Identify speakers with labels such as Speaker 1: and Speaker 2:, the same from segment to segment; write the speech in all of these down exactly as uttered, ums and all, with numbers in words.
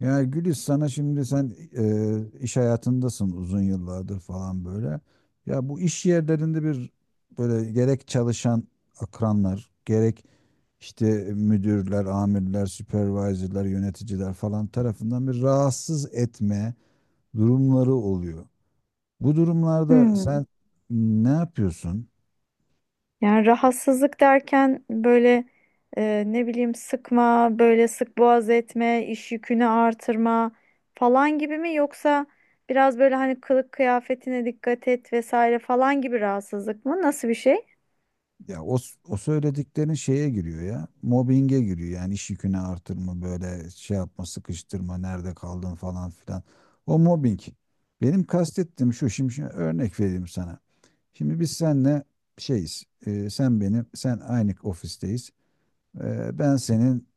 Speaker 1: Ya Gülis, sana şimdi sen e, iş hayatındasın uzun yıllardır falan böyle. Ya bu iş yerlerinde bir böyle gerek çalışan akranlar, gerek işte müdürler, amirler, supervisorlar, yöneticiler falan tarafından bir rahatsız etme durumları oluyor. Bu durumlarda sen
Speaker 2: Hmm.
Speaker 1: ne yapıyorsun?
Speaker 2: Yani rahatsızlık derken böyle e, ne bileyim sıkma, böyle sık boğaz etme, iş yükünü artırma falan gibi mi, yoksa biraz böyle hani kılık kıyafetine dikkat et vesaire falan gibi rahatsızlık mı? Nasıl bir şey?
Speaker 1: Ya o, o söylediklerin şeye giriyor ya. Mobbinge giriyor, yani iş yükünü artırma, böyle şey yapma, sıkıştırma, nerede kaldın falan filan. O mobbing. Benim kastettiğim şu şimdi, şimdi örnek vereyim sana. Şimdi biz seninle şeyiz. e, sen benim sen aynı ofisteyiz. E, ben senin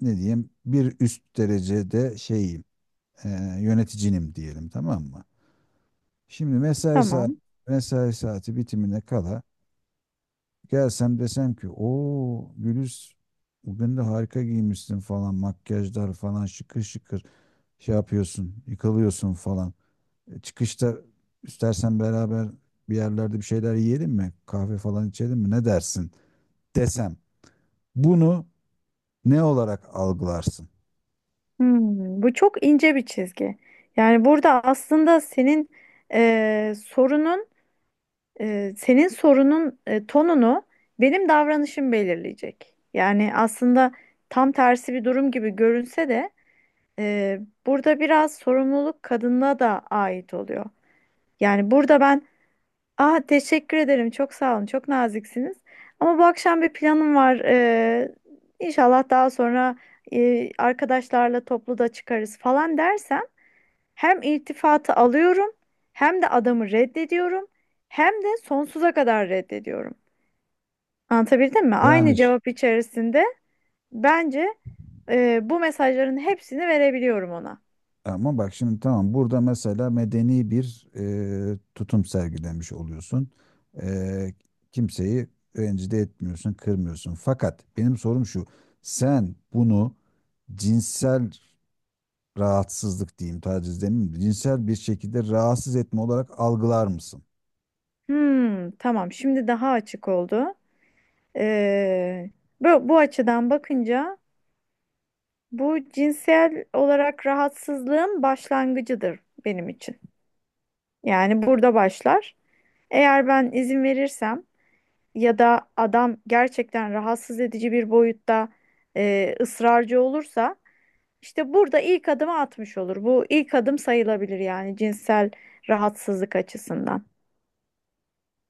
Speaker 1: ne diyeyim, bir üst derecede şeyim, e, yöneticinim diyelim, tamam mı? Şimdi mesai saat,
Speaker 2: Tamam.
Speaker 1: mesai saati bitimine kala gelsem, desem ki, "O Güliz, bugün de harika giymişsin falan, makyajlar falan, şıkır şıkır şey yapıyorsun, yıkılıyorsun falan. E, Çıkışta istersen beraber bir yerlerde bir şeyler yiyelim mi? Kahve falan içelim mi? Ne dersin?" Desem, bunu ne olarak algılarsın?
Speaker 2: Hmm, bu çok ince bir çizgi. Yani burada aslında senin e, sorunun Ee, senin sorunun e, tonunu benim davranışım belirleyecek. Yani aslında tam tersi bir durum gibi görünse de e, burada biraz sorumluluk kadına da ait oluyor. Yani burada ben "ah, teşekkür ederim, çok sağ olun, çok naziksiniz ama bu akşam bir planım var. Ee, inşallah daha sonra e, arkadaşlarla toplu da çıkarız" falan dersem, hem iltifatı alıyorum, hem de adamı reddediyorum, hem de sonsuza kadar reddediyorum. Anlatabildim mi?
Speaker 1: Yani.
Speaker 2: Aynı cevap içerisinde bence e, bu mesajların hepsini verebiliyorum ona.
Speaker 1: Ama bak şimdi tamam, burada mesela medeni bir e, tutum sergilemiş oluyorsun. E, Kimseyi rencide etmiyorsun, kırmıyorsun. Fakat benim sorum şu. Sen bunu cinsel rahatsızlık diyeyim, taciz demeyeyim, de, cinsel bir şekilde rahatsız etme olarak algılar mısın?
Speaker 2: Hmm, tamam. Şimdi daha açık oldu. Ee, bu, bu açıdan bakınca bu cinsel olarak rahatsızlığın başlangıcıdır benim için. Yani burada başlar. Eğer ben izin verirsem ya da adam gerçekten rahatsız edici bir boyutta e, ısrarcı olursa, işte burada ilk adımı atmış olur. Bu ilk adım sayılabilir yani, cinsel rahatsızlık açısından.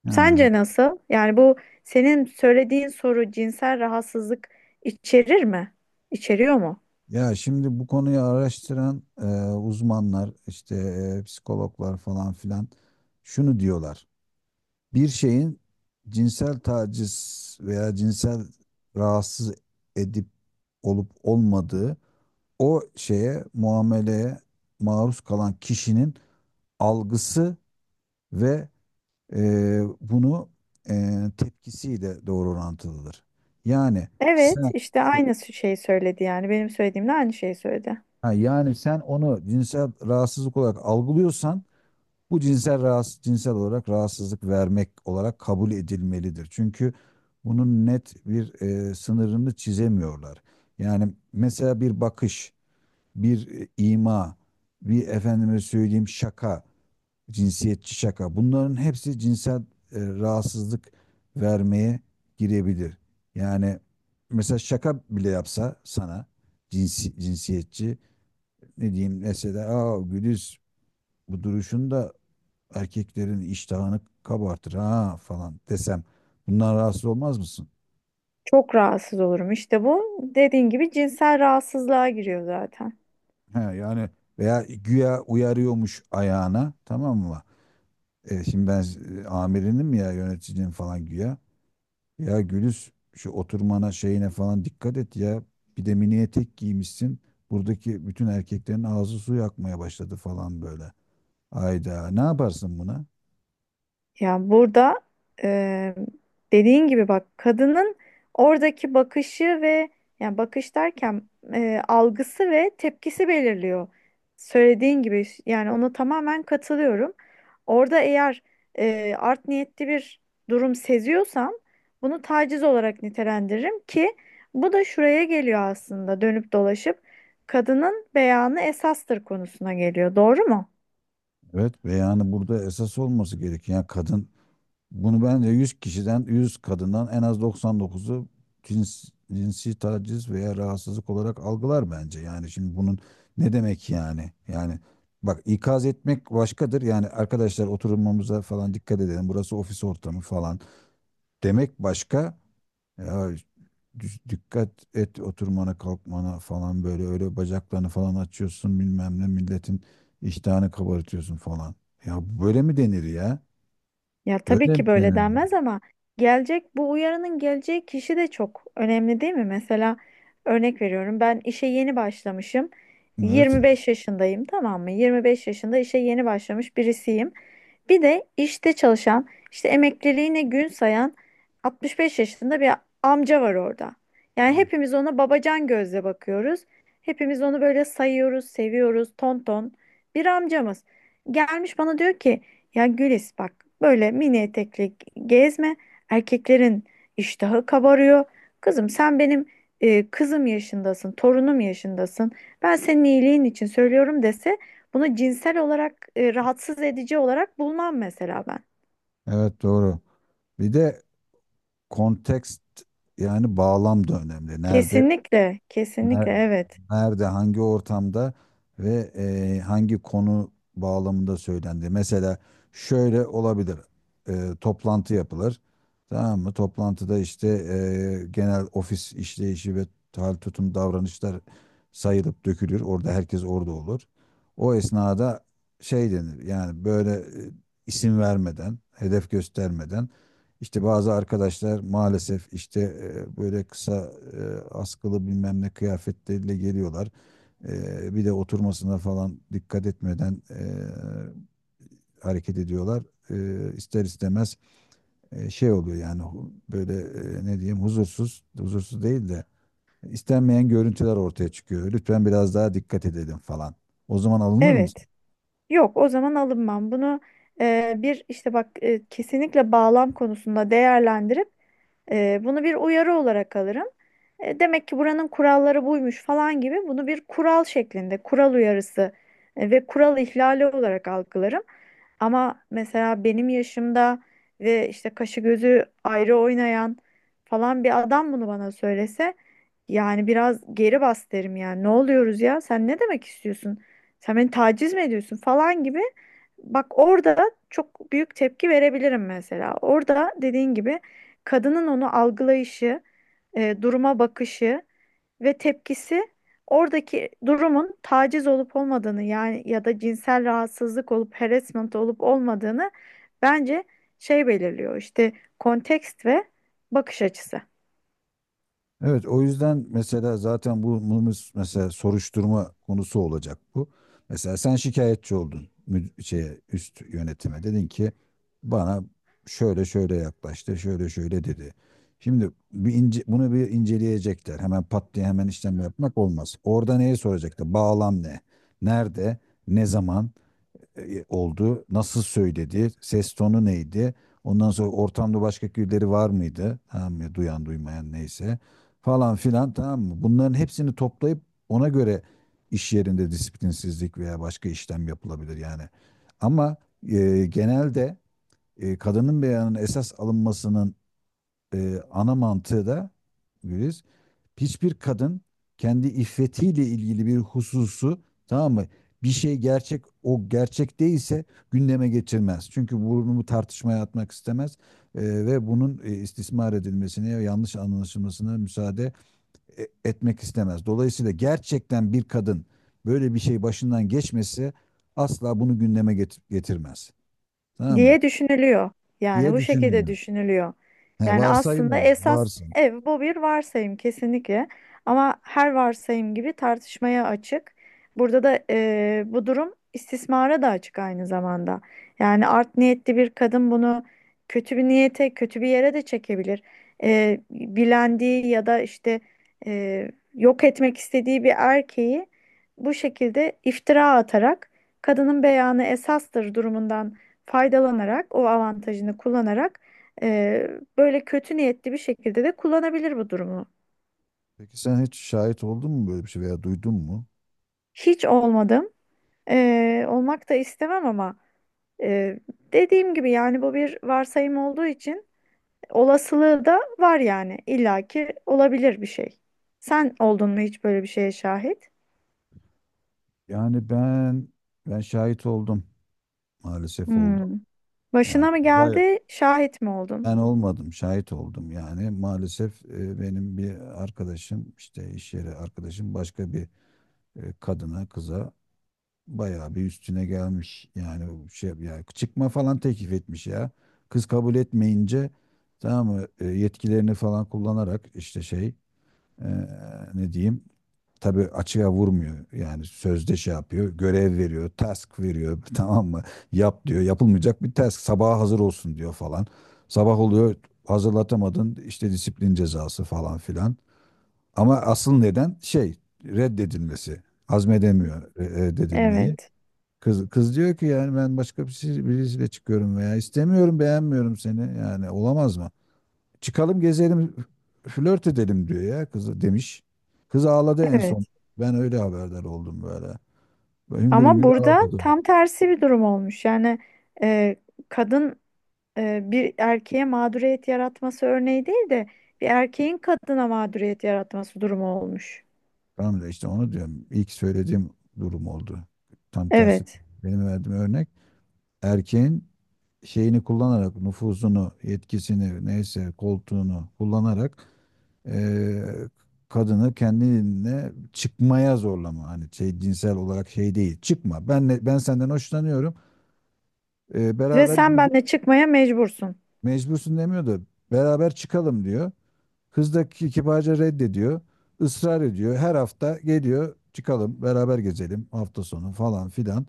Speaker 1: Ha.
Speaker 2: Sence nasıl? Yani bu, senin söylediğin soru cinsel rahatsızlık içerir mi? İçeriyor mu?
Speaker 1: Ya şimdi bu konuyu araştıran e, uzmanlar, işte e, psikologlar falan filan şunu diyorlar: bir şeyin cinsel taciz veya cinsel rahatsız edip olup olmadığı, o şeye, muameleye maruz kalan kişinin algısı ve e, bunu e, tepkisiyle doğru orantılıdır. Yani
Speaker 2: Evet,
Speaker 1: sen
Speaker 2: işte aynı şeyi söyledi yani, benim söylediğimle aynı şeyi söyledi.
Speaker 1: ha, yani sen onu cinsel rahatsızlık olarak algılıyorsan, bu cinsel rahatsız, cinsel olarak rahatsızlık vermek olarak kabul edilmelidir. Çünkü bunun net bir e, sınırını çizemiyorlar. Yani mesela bir bakış, bir e, ima, bir efendime söyleyeyim şaka, cinsiyetçi şaka. Bunların hepsi cinsel e, rahatsızlık vermeye girebilir. Yani mesela şaka bile yapsa sana cinsi, cinsiyetçi, ne diyeyim, mesela, "Aa Güliz, bu duruşunda erkeklerin iştahını kabartır ha" falan desem, bundan rahatsız olmaz mısın?
Speaker 2: Çok rahatsız olurum. İşte bu, dediğin gibi cinsel rahatsızlığa giriyor zaten.
Speaker 1: He, yani veya güya uyarıyormuş ayağına, tamam mı? E, şimdi ben, e, amirinim ya, yöneticim falan güya. "Ya Gülüz, şu oturmana, şeyine falan dikkat et ya. Bir de mini etek giymişsin. Buradaki bütün erkeklerin ağzı su yakmaya başladı falan böyle." Ayda ne yaparsın buna?
Speaker 2: Ya burada eee dediğin gibi bak, kadının oradaki bakışı ve, yani bakış derken eee, algısı ve tepkisi belirliyor. Söylediğin gibi, yani ona tamamen katılıyorum. Orada eğer eee, art niyetli bir durum seziyorsam, bunu taciz olarak nitelendiririm ki bu da şuraya geliyor aslında, dönüp dolaşıp kadının beyanı esastır konusuna geliyor. Doğru mu?
Speaker 1: Evet, ve yani burada esas olması gereken, yani kadın, bunu bence yüz kişiden, yüz kadından en az doksan dokuzu cins, cinsi taciz veya rahatsızlık olarak algılar bence. Yani şimdi bunun ne demek yani? Yani bak, ikaz etmek başkadır. Yani, "Arkadaşlar oturmamıza falan dikkat edelim. Burası ofis ortamı falan" demek başka. "Ya düş- dikkat et oturmana kalkmana falan, böyle öyle bacaklarını falan açıyorsun, bilmem ne milletin iştahını kabartıyorsun falan." Ya böyle mi denir ya?
Speaker 2: Ya tabii
Speaker 1: Böyle mi
Speaker 2: ki böyle
Speaker 1: denir?
Speaker 2: denmez ama gelecek bu uyarının geleceği kişi de çok önemli, değil mi? Mesela örnek veriyorum, ben işe yeni başlamışım.
Speaker 1: Evet.
Speaker 2: yirmi beş yaşındayım, tamam mı? yirmi beş yaşında işe yeni başlamış birisiyim. Bir de işte çalışan, işte emekliliğine gün sayan altmış beş yaşında bir amca var orada. Yani
Speaker 1: He,
Speaker 2: hepimiz ona babacan gözle bakıyoruz. Hepimiz onu böyle sayıyoruz, seviyoruz, ton ton. Bir amcamız gelmiş bana diyor ki "ya Gülis, bak böyle mini etekli gezme, erkeklerin iştahı kabarıyor. Kızım, sen benim e, kızım yaşındasın, torunum yaşındasın. Ben senin iyiliğin için söylüyorum" dese, bunu cinsel olarak e, rahatsız edici olarak bulmam mesela ben.
Speaker 1: evet doğru. Bir de kontekst, yani bağlam da önemli. Nerede,
Speaker 2: Kesinlikle, kesinlikle
Speaker 1: ner-
Speaker 2: evet.
Speaker 1: nerede, hangi ortamda ve e, hangi konu bağlamında söylendi. Mesela şöyle olabilir. E, toplantı yapılır. Tamam mı? Toplantıda işte e, genel ofis işleyişi ve hal, tutum, davranışlar sayılıp dökülür. Orada herkes orada olur. O esnada şey denir. Yani böyle, e, isim vermeden, hedef göstermeden, "İşte bazı arkadaşlar maalesef işte e, böyle kısa, e, askılı bilmem ne kıyafetleriyle geliyorlar. E, bir de oturmasına falan dikkat etmeden e, hareket ediyorlar. E, ister istemez e, şey oluyor, yani hu- böyle, e, ne diyeyim, huzursuz, huzursuz değil de istenmeyen görüntüler ortaya çıkıyor. Lütfen biraz daha dikkat edelim" falan. O zaman alınır mı?
Speaker 2: Evet. Yok, o zaman alınmam. Bunu e, bir işte bak, e, kesinlikle bağlam konusunda değerlendirip e, bunu bir uyarı olarak alırım. E, demek ki buranın kuralları buymuş falan gibi, bunu bir kural şeklinde, kural uyarısı e, ve kural ihlali olarak algılarım. Ama mesela benim yaşımda ve işte kaşı gözü ayrı oynayan falan bir adam bunu bana söylese, yani biraz "geri bas" derim yani. Ne oluyoruz ya? Sen ne demek istiyorsun? Sen beni taciz mi ediyorsun falan gibi. Bak orada çok büyük tepki verebilirim mesela. Orada, dediğin gibi, kadının onu algılayışı, e, duruma bakışı ve tepkisi oradaki durumun taciz olup olmadığını, yani ya da cinsel rahatsızlık olup harassment olup olmadığını bence şey belirliyor. İşte kontekst ve bakış açısı.
Speaker 1: Evet, o yüzden mesela zaten bu bu mesela soruşturma konusu olacak bu. Mesela sen şikayetçi oldun, müd- şeye, üst yönetime dedin ki, "Bana şöyle şöyle yaklaştı, şöyle şöyle dedi." Şimdi bir ince, bunu bir inceleyecekler. Hemen pat diye hemen işlem yapmak olmaz. Orada neye soracaklar? Bağlam ne? Nerede? Ne zaman e, e, oldu? Nasıl söyledi? Ses tonu neydi? Ondan sonra ortamda başka birileri var mıydı? Tamam mı? Duyan, duymayan neyse. Falan filan, tamam mı? Bunların hepsini toplayıp ona göre iş yerinde disiplinsizlik veya başka işlem yapılabilir yani. Ama e, genelde e, kadının beyanının esas alınmasının e, ana mantığı da, Güliz, hiçbir kadın kendi iffetiyle ilgili bir hususu, tamam mı, bir şey gerçek, o gerçek değilse gündeme getirmez. Çünkü bunu tartışmaya atmak istemez e, ve bunun e, istismar edilmesine ya yanlış anlaşılmasına müsaade e, etmek istemez. Dolayısıyla gerçekten bir kadın böyle bir şey başından geçmesi asla bunu gündeme get- getirmez. Tamam mı?
Speaker 2: Diye düşünülüyor. Yani
Speaker 1: Diye
Speaker 2: bu şekilde
Speaker 1: düşünülen.
Speaker 2: düşünülüyor.
Speaker 1: He,
Speaker 2: Yani
Speaker 1: varsayım
Speaker 2: aslında
Speaker 1: o.
Speaker 2: esas
Speaker 1: Varsın.
Speaker 2: ev bu bir varsayım kesinlikle. Ama her varsayım gibi tartışmaya açık. Burada da eee, bu durum istismara da açık aynı zamanda. Yani art niyetli bir kadın bunu kötü bir niyete, kötü bir yere de çekebilir. Eee, bilendiği ya da işte eee, yok etmek istediği bir erkeği bu şekilde iftira atarak, kadının beyanı esastır durumundan faydalanarak, o avantajını kullanarak, e, böyle kötü niyetli bir şekilde de kullanabilir bu durumu.
Speaker 1: Peki sen hiç şahit oldun mu böyle bir şey, veya duydun mu?
Speaker 2: Hiç olmadım. E, olmak da istemem ama e, dediğim gibi, yani bu bir varsayım olduğu için olasılığı da var yani. İlla ki olabilir bir şey. Sen oldun mu hiç böyle bir şeye şahit?
Speaker 1: Yani ben ben şahit oldum. Maalesef oldum.
Speaker 2: Hmm.
Speaker 1: Yani
Speaker 2: Başına mı
Speaker 1: bayağı,
Speaker 2: geldi, şahit mi oldun?
Speaker 1: ben olmadım, şahit oldum. Yani maalesef e, benim bir arkadaşım, işte iş yeri arkadaşım, başka bir e, kadına, kıza bayağı bir üstüne gelmiş. Yani şey, ya çıkma falan teklif etmiş ya. Kız kabul etmeyince, tamam mı, e, yetkilerini falan kullanarak, işte şey, e, ne diyeyim, tabii açığa vurmuyor. Yani sözde şey yapıyor. Görev veriyor. Task veriyor. Tamam mı? Yap diyor. Yapılmayacak bir task. Sabaha hazır olsun diyor falan. Sabah oluyor. Hazırlatamadın. İşte disiplin cezası falan filan. Ama asıl neden şey, reddedilmesi. Hazmedemiyor re- reddedilmeyi.
Speaker 2: Evet,
Speaker 1: Kız, kız diyor ki, yani, "Ben başka birisi- birisiyle çıkıyorum veya istemiyorum, beğenmiyorum seni. Yani olamaz mı?" "Çıkalım gezelim, flört edelim" diyor ya kızı, demiş. Kız ağladı en son.
Speaker 2: evet.
Speaker 1: Ben öyle haberdar oldum böyle. Böyle hüngür
Speaker 2: Ama
Speaker 1: hüngür
Speaker 2: burada
Speaker 1: ağladım.
Speaker 2: tam tersi bir durum olmuş. Yani e, kadın e, bir erkeğe mağduriyet yaratması örneği değil de, bir erkeğin kadına mağduriyet yaratması durumu olmuş.
Speaker 1: Tamam da işte onu diyorum. İlk söylediğim durum oldu. Tam tersi
Speaker 2: Evet.
Speaker 1: benim verdiğim örnek. Erkeğin şeyini kullanarak, nüfuzunu, yetkisini neyse koltuğunu kullanarak, eee, kadını kendine çıkmaya zorlama. Hani şey, cinsel olarak şey değil. Çıkma. Ben ben senden hoşlanıyorum. Eee,
Speaker 2: Ve
Speaker 1: beraber
Speaker 2: sen
Speaker 1: gezelim."
Speaker 2: benimle çıkmaya mecbursun.
Speaker 1: Mecbursun demiyor da, beraber çıkalım diyor. Kız da kibarca reddediyor. Israr ediyor. Her hafta geliyor, "Çıkalım beraber gezelim hafta sonu" falan filan.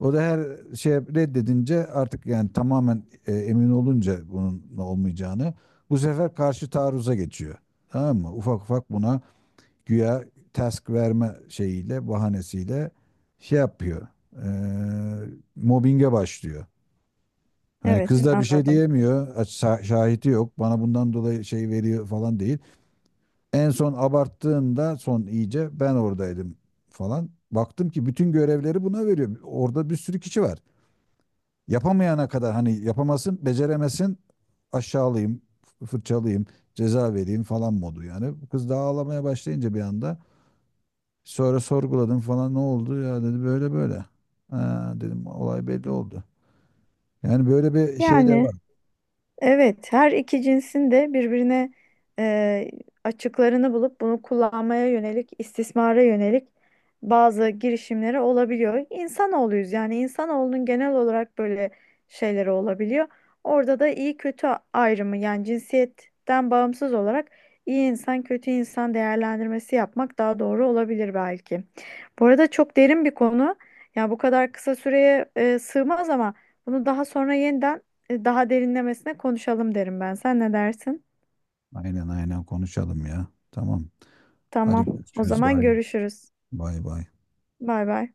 Speaker 1: O da her şey reddedince, artık yani tamamen e, emin olunca bunun olmayacağını, bu sefer karşı taarruza geçiyor. Tamam mı? Ufak ufak buna güya task verme şeyiyle, bahanesiyle şey yapıyor. E, Mobbinge başlıyor. Hani
Speaker 2: Evet,
Speaker 1: kız da bir şey
Speaker 2: anladım.
Speaker 1: diyemiyor. aç- şa- Şahidi yok. Bana bundan dolayı şey veriyor falan değil. En son abarttığında, son iyice ben oradaydım falan. Baktım ki bütün görevleri buna veriyor. Orada bir sürü kişi var. Yapamayana kadar, hani yapamasın, beceremesin, aşağılayayım, f- fırçalayayım, ceza vereyim falan modu yani. Kız da ağlamaya başlayınca bir anda, sonra sorguladım falan, "Ne oldu ya?" dedi, "Böyle böyle." Ha, dedim, olay belli oldu. Yani böyle bir şey de
Speaker 2: Yani
Speaker 1: var.
Speaker 2: evet, her iki cinsin de birbirine e, açıklarını bulup bunu kullanmaya yönelik, istismara yönelik bazı girişimleri olabiliyor. İnsanoğluyuz, yani insanoğlunun genel olarak böyle şeyleri olabiliyor. Orada da iyi kötü ayrımı, yani cinsiyetten bağımsız olarak iyi insan kötü insan değerlendirmesi yapmak daha doğru olabilir belki. Bu arada çok derin bir konu. Ya bu kadar kısa süreye e, sığmaz ama bunu daha sonra yeniden e, daha derinlemesine konuşalım derim ben. Sen ne dersin?
Speaker 1: Aynen aynen konuşalım ya. Tamam.
Speaker 2: Tamam.
Speaker 1: Hadi
Speaker 2: O
Speaker 1: görüşürüz.
Speaker 2: zaman
Speaker 1: Bay bay.
Speaker 2: görüşürüz.
Speaker 1: Bay bay.
Speaker 2: Bay bay.